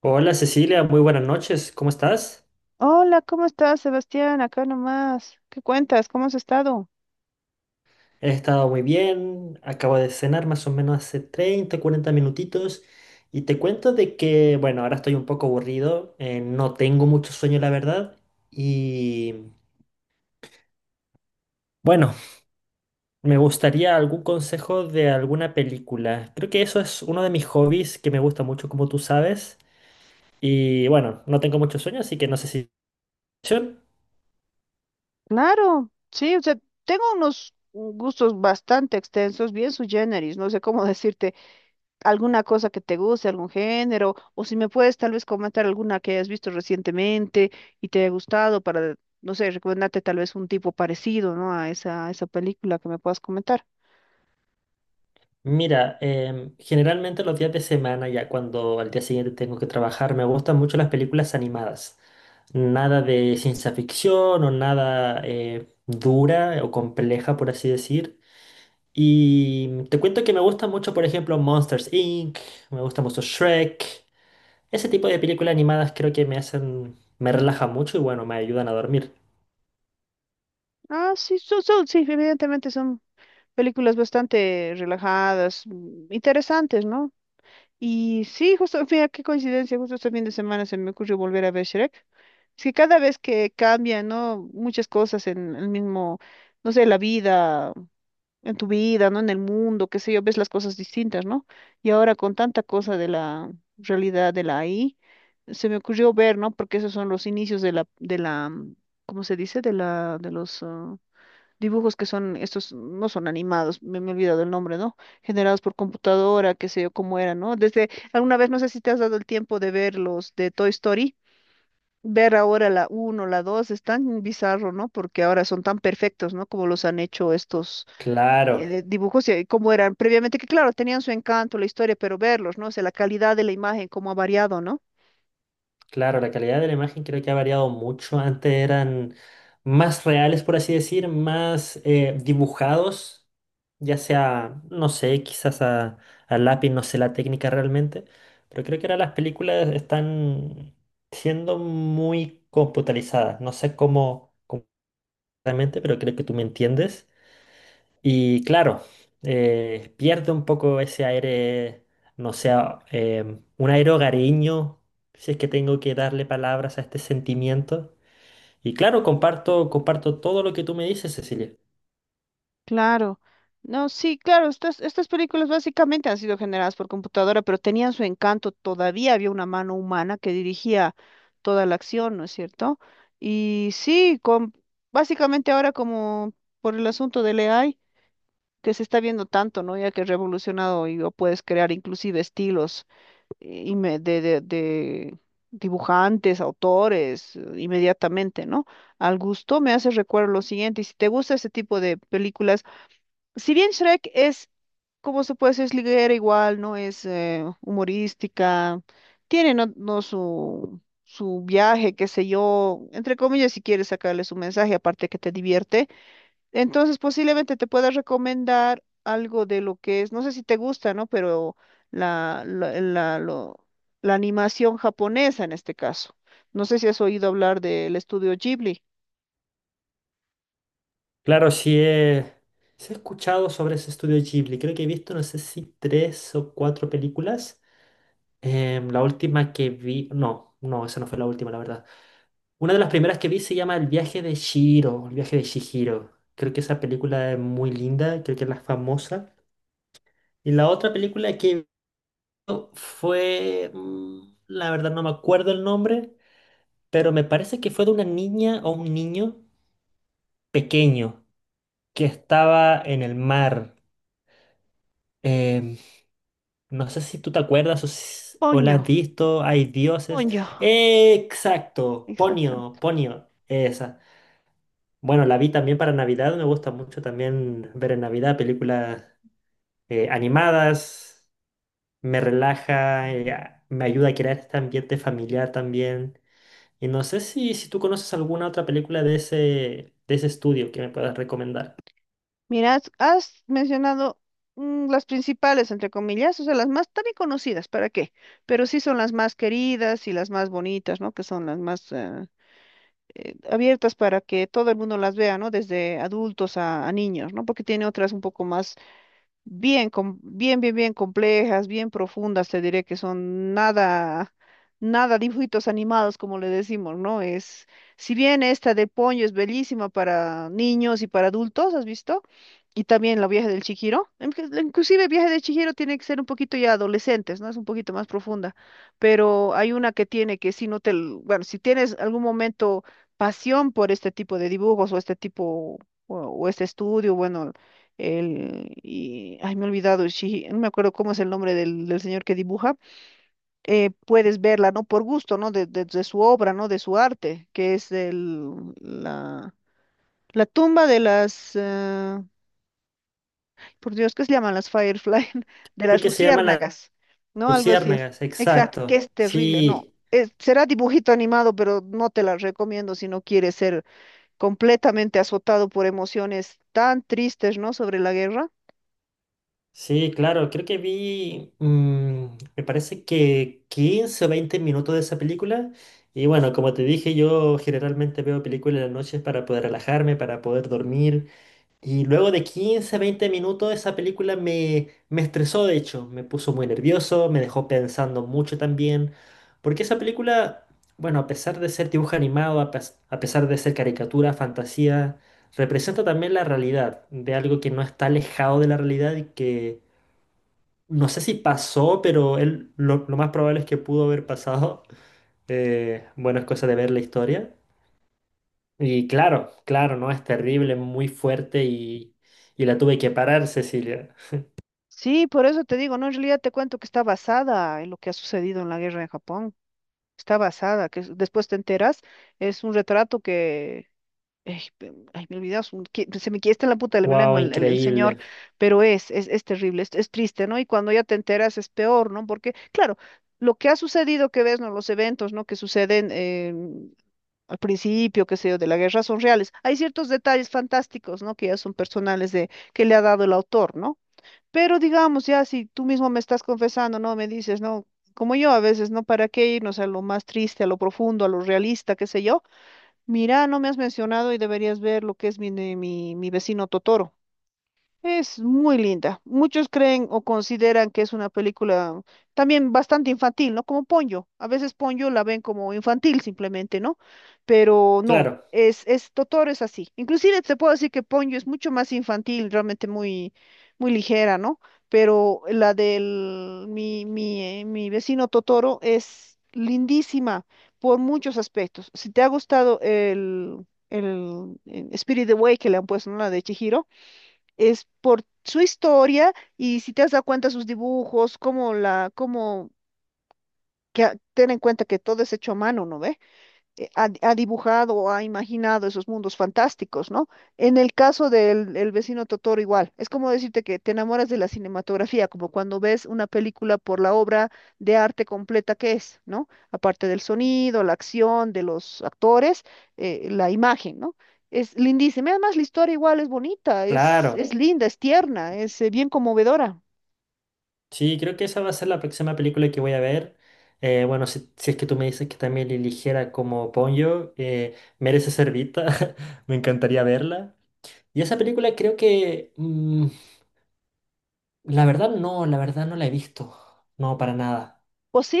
Hola Cecilia, muy buenas noches, ¿cómo estás? Hola, ¿cómo estás, Sebastián? Acá nomás. ¿Qué cuentas? ¿Cómo has estado? He estado muy bien, acabo de cenar más o menos hace 30, 40 minutitos y te cuento de que, bueno, ahora estoy un poco aburrido, no tengo mucho sueño la verdad y, bueno, me gustaría algún consejo de alguna película. Creo que eso es uno de mis hobbies que me gusta mucho, como tú sabes, y bueno, no tengo mucho sueño, así que no sé si... Claro, sí, o sea, tengo unos gustos bastante extensos, bien sui generis, no sé cómo decirte, alguna cosa que te guste, algún género, o si me puedes tal vez comentar alguna que hayas visto recientemente y te haya gustado para, no sé, recomendarte tal vez un tipo parecido, ¿no? A esa película que me puedas comentar. Mira, generalmente los días de semana, ya cuando al día siguiente tengo que trabajar, me gustan mucho las películas animadas. Nada de ciencia ficción o nada dura o compleja, por así decir. Y te cuento que me gusta mucho, por ejemplo, Monsters Inc., me gusta mucho Shrek. Ese tipo de películas animadas creo que me hacen, me relaja mucho y bueno, me ayudan a dormir. Ah, sí, sí, evidentemente son películas bastante relajadas, interesantes, ¿no? Y sí, justo, mira qué coincidencia, justo este fin de semana se me ocurrió volver a ver Shrek. Es que cada vez que cambia, ¿no? Muchas cosas en el mismo, no sé, la vida, en tu vida, ¿no? En el mundo, qué sé yo, ves las cosas distintas, ¿no? Y ahora con tanta cosa de la realidad de la AI se me ocurrió ver, ¿no? Porque esos son los inicios de la, ¿cómo se dice? De la, de los, ah, dibujos que son, estos no son animados, me he olvidado el nombre, ¿no? Generados por computadora, qué sé yo cómo era, ¿no? Desde alguna vez, no sé si te has dado el tiempo de ver los de Toy Story, ver ahora la uno la 2 es tan bizarro, ¿no? Porque ahora son tan perfectos, ¿no? Como los han hecho estos Claro, dibujos y cómo eran previamente, que claro, tenían su encanto, la historia, pero verlos, ¿no? O sea, la calidad de la imagen, cómo ha variado, ¿no? claro, la calidad de la imagen creo que ha variado mucho. Antes eran más reales, por así decir, más dibujados, ya sea, no sé, quizás a lápiz, no sé la técnica realmente, pero creo que ahora las películas están siendo muy computarizadas. No sé cómo, cómo realmente, pero creo que tú me entiendes. Y claro, pierde un poco ese aire, no sé, un aire hogareño, si es que tengo que darle palabras a este sentimiento. Y claro, comparto, comparto todo lo que tú me dices, Cecilia. Claro. No, sí, claro, estas películas básicamente han sido generadas por computadora, pero tenían su encanto. Todavía había una mano humana que dirigía toda la acción, ¿no es cierto? Y sí, básicamente ahora como por el asunto del AI, que se está viendo tanto, ¿no? Ya que es revolucionado y o puedes crear inclusive estilos de dibujantes, autores, inmediatamente, ¿no? Al gusto me hace recuerdo lo siguiente, y si te gusta ese tipo de películas, si bien Shrek es, como se puede decir, es liguera igual, no es humorística, tiene no su viaje, qué sé yo, entre comillas, si quieres sacarle su mensaje, aparte que te divierte, entonces posiblemente te pueda recomendar algo de lo que es, no sé si te gusta, ¿no? Pero la, la, la, lo- la animación japonesa en este caso. No sé si has oído hablar del estudio Ghibli. Claro, sí he escuchado sobre ese estudio Ghibli. Creo que he visto, no sé si tres o cuatro películas. La última que vi, no, no, esa no fue la última, la verdad. Una de las primeras que vi se llama El viaje de Shihiro, El viaje de Chihiro. Creo que esa película es muy linda, creo que es la famosa. Y la otra película que vi fue, la verdad no me acuerdo el nombre, pero me parece que fue de una niña o un niño pequeño que estaba en el mar. Em, no sé si tú te acuerdas o, o la Ponyo, has visto, hay dioses. Ponyo, Exacto, Ponio, exactamente. Ponio, esa. Bueno, la vi también para Navidad, me gusta mucho también ver en Navidad películas animadas, me relaja, me ayuda a crear este ambiente familiar también. Y no sé si, si tú conoces alguna otra película de ese estudio que me puedas recomendar. Mira, has mencionado las principales, entre comillas, o sea, las más tan conocidas, ¿para qué? Pero sí son las más queridas y las más bonitas, ¿no? Que son las más abiertas para que todo el mundo las vea, ¿no? Desde adultos a niños, ¿no? Porque tiene otras un poco más bien complejas, bien profundas, te diré que son nada, nada dibujitos animados, como le decimos, ¿no? Si bien esta de Ponyo es bellísima para niños y para adultos, ¿has visto? Y también la viaje del Chihiro. Inclusive viaje de Chihiro tiene que ser un poquito ya adolescentes, ¿no? Es un poquito más profunda. Pero hay una que tiene que si no te, bueno, si tienes algún momento pasión por este tipo de dibujos o este tipo o este estudio, bueno, ay, me he olvidado, no me acuerdo cómo es el nombre del señor que dibuja, puedes verla, ¿no? Por gusto, ¿no? De su obra, ¿no? De su arte, que es la, la tumba de las, por Dios, ¿qué se llaman las Firefly? De Creo las que se llama La luciérnagas, ¿no? Algo así es. Luciérnagas, Exacto, que exacto. es terrible, no. Sí. Será dibujito animado, pero no te la recomiendo si no quieres ser completamente azotado por emociones tan tristes, ¿no? Sobre la guerra. Sí, claro, creo que vi, me parece que 15 o 20 minutos de esa película. Y bueno, como te dije, yo generalmente veo películas en las noches para poder relajarme, para poder dormir. Y luego de 15 a 20 minutos esa película me, me estresó, de hecho, me puso muy nervioso, me dejó pensando mucho también. Porque esa película, bueno, a pesar de ser dibujo animado, a pesar de ser caricatura, fantasía, representa también la realidad, de algo que no está alejado de la realidad y que no sé si pasó, pero él lo más probable es que pudo haber pasado. Bueno, es cosa de ver la historia. Y claro, claro, ¿no? Es terrible, muy fuerte y la tuve que parar, Cecilia. Sí, por eso te digo, no, en realidad te cuento que está basada en lo que ha sucedido en la guerra en Japón. Está basada, después te enteras, es un retrato que, ay, me olvidas, se me quiesta en la puta de mi Wow, lengua el señor, increíble. pero es terrible, es triste, ¿no? Y cuando ya te enteras es peor, ¿no? Porque, claro, lo que ha sucedido que ves, ¿no? Los eventos, ¿no? Que suceden al principio, qué sé yo, de la guerra son reales. Hay ciertos detalles fantásticos, ¿no? Que ya son personales de, que le ha dado el autor, ¿no? Pero digamos, ya si tú mismo me estás confesando, ¿no? Me dices, ¿no? Como yo a veces, ¿no? ¿Para qué irnos a lo más triste, a lo profundo, a lo realista, qué sé yo? Mira, no me has mencionado y deberías ver lo que es mi vecino Totoro. Es muy linda. Muchos creen o consideran que es una película también bastante infantil, ¿no? Como Ponyo. A veces Ponyo la ven como infantil simplemente, ¿no? Pero no, Claro, es Totoro es así. Inclusive te puedo decir que Ponyo es mucho más infantil, realmente muy, muy ligera, ¿no? Pero la del mi vecino Totoro es lindísima por muchos aspectos. Si te ha gustado Spirit Away que le han puesto, ¿no? La de Chihiro es por su historia y si te has dado cuenta sus dibujos, como la, como que a- ten en cuenta que todo es hecho a mano, ¿no ve? Ha dibujado o ha imaginado esos mundos fantásticos, ¿no? En el caso del el vecino Totoro igual, es como decirte que te enamoras de la cinematografía, como cuando ves una película por la obra de arte completa que es, ¿no? Aparte del sonido, la acción de los actores, la imagen, ¿no? Es lindísima, además la historia igual es bonita, claro. es linda, es tierna, es bien conmovedora. Sí, creo que esa va a ser la próxima película que voy a ver. Bueno, si, si es que tú me dices que también eligiera como Ponyo, merece ser vista. Me encantaría verla. Y esa película creo que... la verdad no, la verdad no la he visto. No, para nada.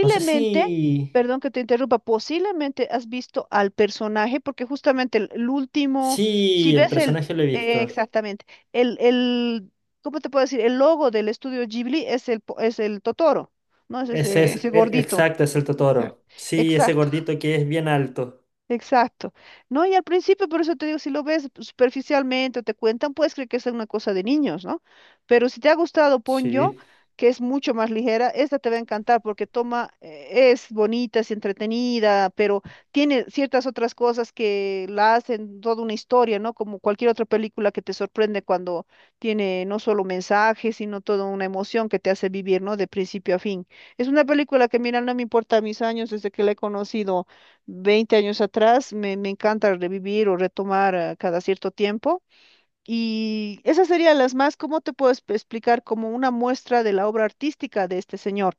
No sé si... perdón que te interrumpa, posiblemente has visto al personaje, porque justamente el último, si Sí, el ves personaje lo he visto. exactamente, el, el, ¿cómo te puedo decir? El logo del estudio Ghibli es es el Totoro, ¿no? Es Ese ese, es, ese gordito. exacto, es el Totoro. Sí, ese Exacto. gordito que es bien alto. Exacto. No, y al principio, por eso te digo, si lo ves superficialmente o te cuentan, puedes creer que es una cosa de niños, ¿no? Pero si te ha gustado Ponyo, Sí, que es mucho más ligera, esta te va a encantar porque toma, es bonita, es entretenida, pero tiene ciertas otras cosas que la hacen toda una historia, ¿no? Como cualquier otra película que te sorprende cuando tiene no solo mensajes, sino toda una emoción que te hace vivir, ¿no? De principio a fin. Es una película que, mira, no me importa mis años desde que la he conocido. 20 años atrás, me encanta revivir o retomar cada cierto tiempo. Y esas serían las más, ¿cómo te puedo explicar? Como una muestra de la obra artística de este señor,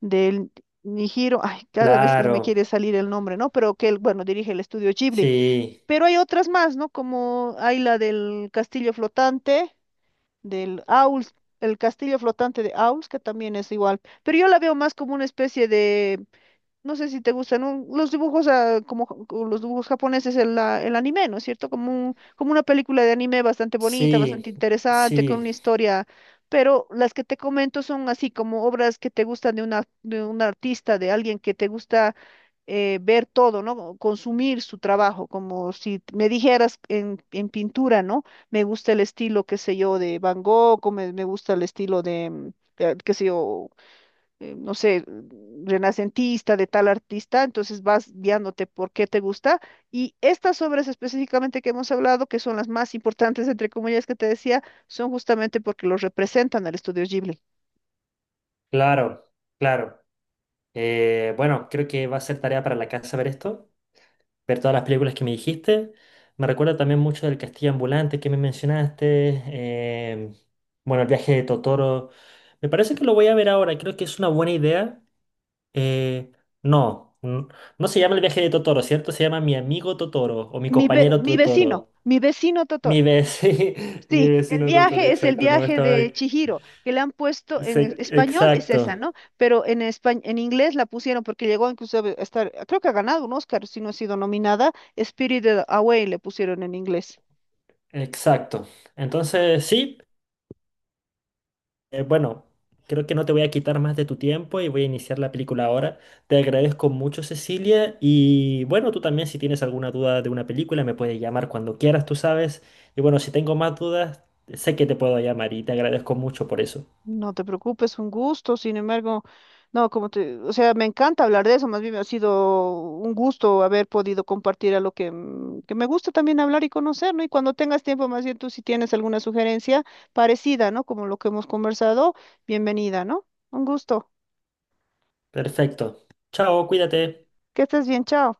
del Nihiro, ay, cada vez que se me claro. quiere salir el nombre, ¿no? Pero que él, bueno, dirige el estudio Ghibli. Sí, Pero hay otras más, ¿no? Como hay la del castillo flotante, del Aul, el castillo flotante de Aul, que también es igual. Pero yo la veo más como una especie de no sé si te gustan los dibujos, como los dibujos japoneses, el anime, ¿no es cierto? Como una película de anime bastante bonita, bastante sí, interesante, con sí, una historia, pero las que te comento son así como obras que te gustan de una, de un artista, de alguien que te gusta ver todo, ¿no? O consumir su trabajo, como si me dijeras en pintura, ¿no? Me gusta el estilo, qué sé yo, de Van Gogh, o me gusta el estilo de, qué sé yo, no sé, renacentista de tal artista, entonces vas guiándote por qué te gusta. Y estas obras específicamente que hemos hablado, que son las más importantes, entre comillas, que te decía, son justamente porque los representan al estudio Ghibli. claro, claro. Bueno, creo que va a ser tarea para la casa ver esto. Ver todas las películas que me dijiste. Me recuerda también mucho del Castillo Ambulante que me mencionaste. em, bueno, el viaje de Totoro. Me parece que lo voy a ver ahora. Creo que es una buena idea. Eh, no, n- no se llama el viaje de Totoro, ¿cierto? Se llama mi amigo Totoro o mi Mi, ve- compañero mi vecino, Totoro. mi vecino Totoro. Mi vecino, mi Sí, el vecino Totoro, viaje es el exacto. No viaje estaba. de Chihiro, que le han puesto en español, es esa, Exacto, ¿no? Pero en inglés la pusieron porque llegó incluso a estar, creo que ha ganado un Oscar, si no ha sido nominada, Spirited Away le pusieron en inglés. exacto. Entonces, sí. Bueno, creo que no te voy a quitar más de tu tiempo y voy a iniciar la película ahora. Te agradezco mucho, Cecilia. Y bueno, tú también si tienes alguna duda de una película, me puedes llamar cuando quieras, tú sabes. Y bueno, si tengo más dudas, sé que te puedo llamar y te agradezco mucho por eso. No te preocupes, un gusto. Sin embargo, no, o sea, me encanta hablar de eso. Más bien ha sido un gusto haber podido compartir a lo que me gusta también hablar y conocer, ¿no? Y cuando tengas tiempo, más bien tú si tienes alguna sugerencia parecida, ¿no? Como lo que hemos conversado, bienvenida, ¿no? Un gusto. Perfecto. Chao, cuídate. Que estés bien, chao.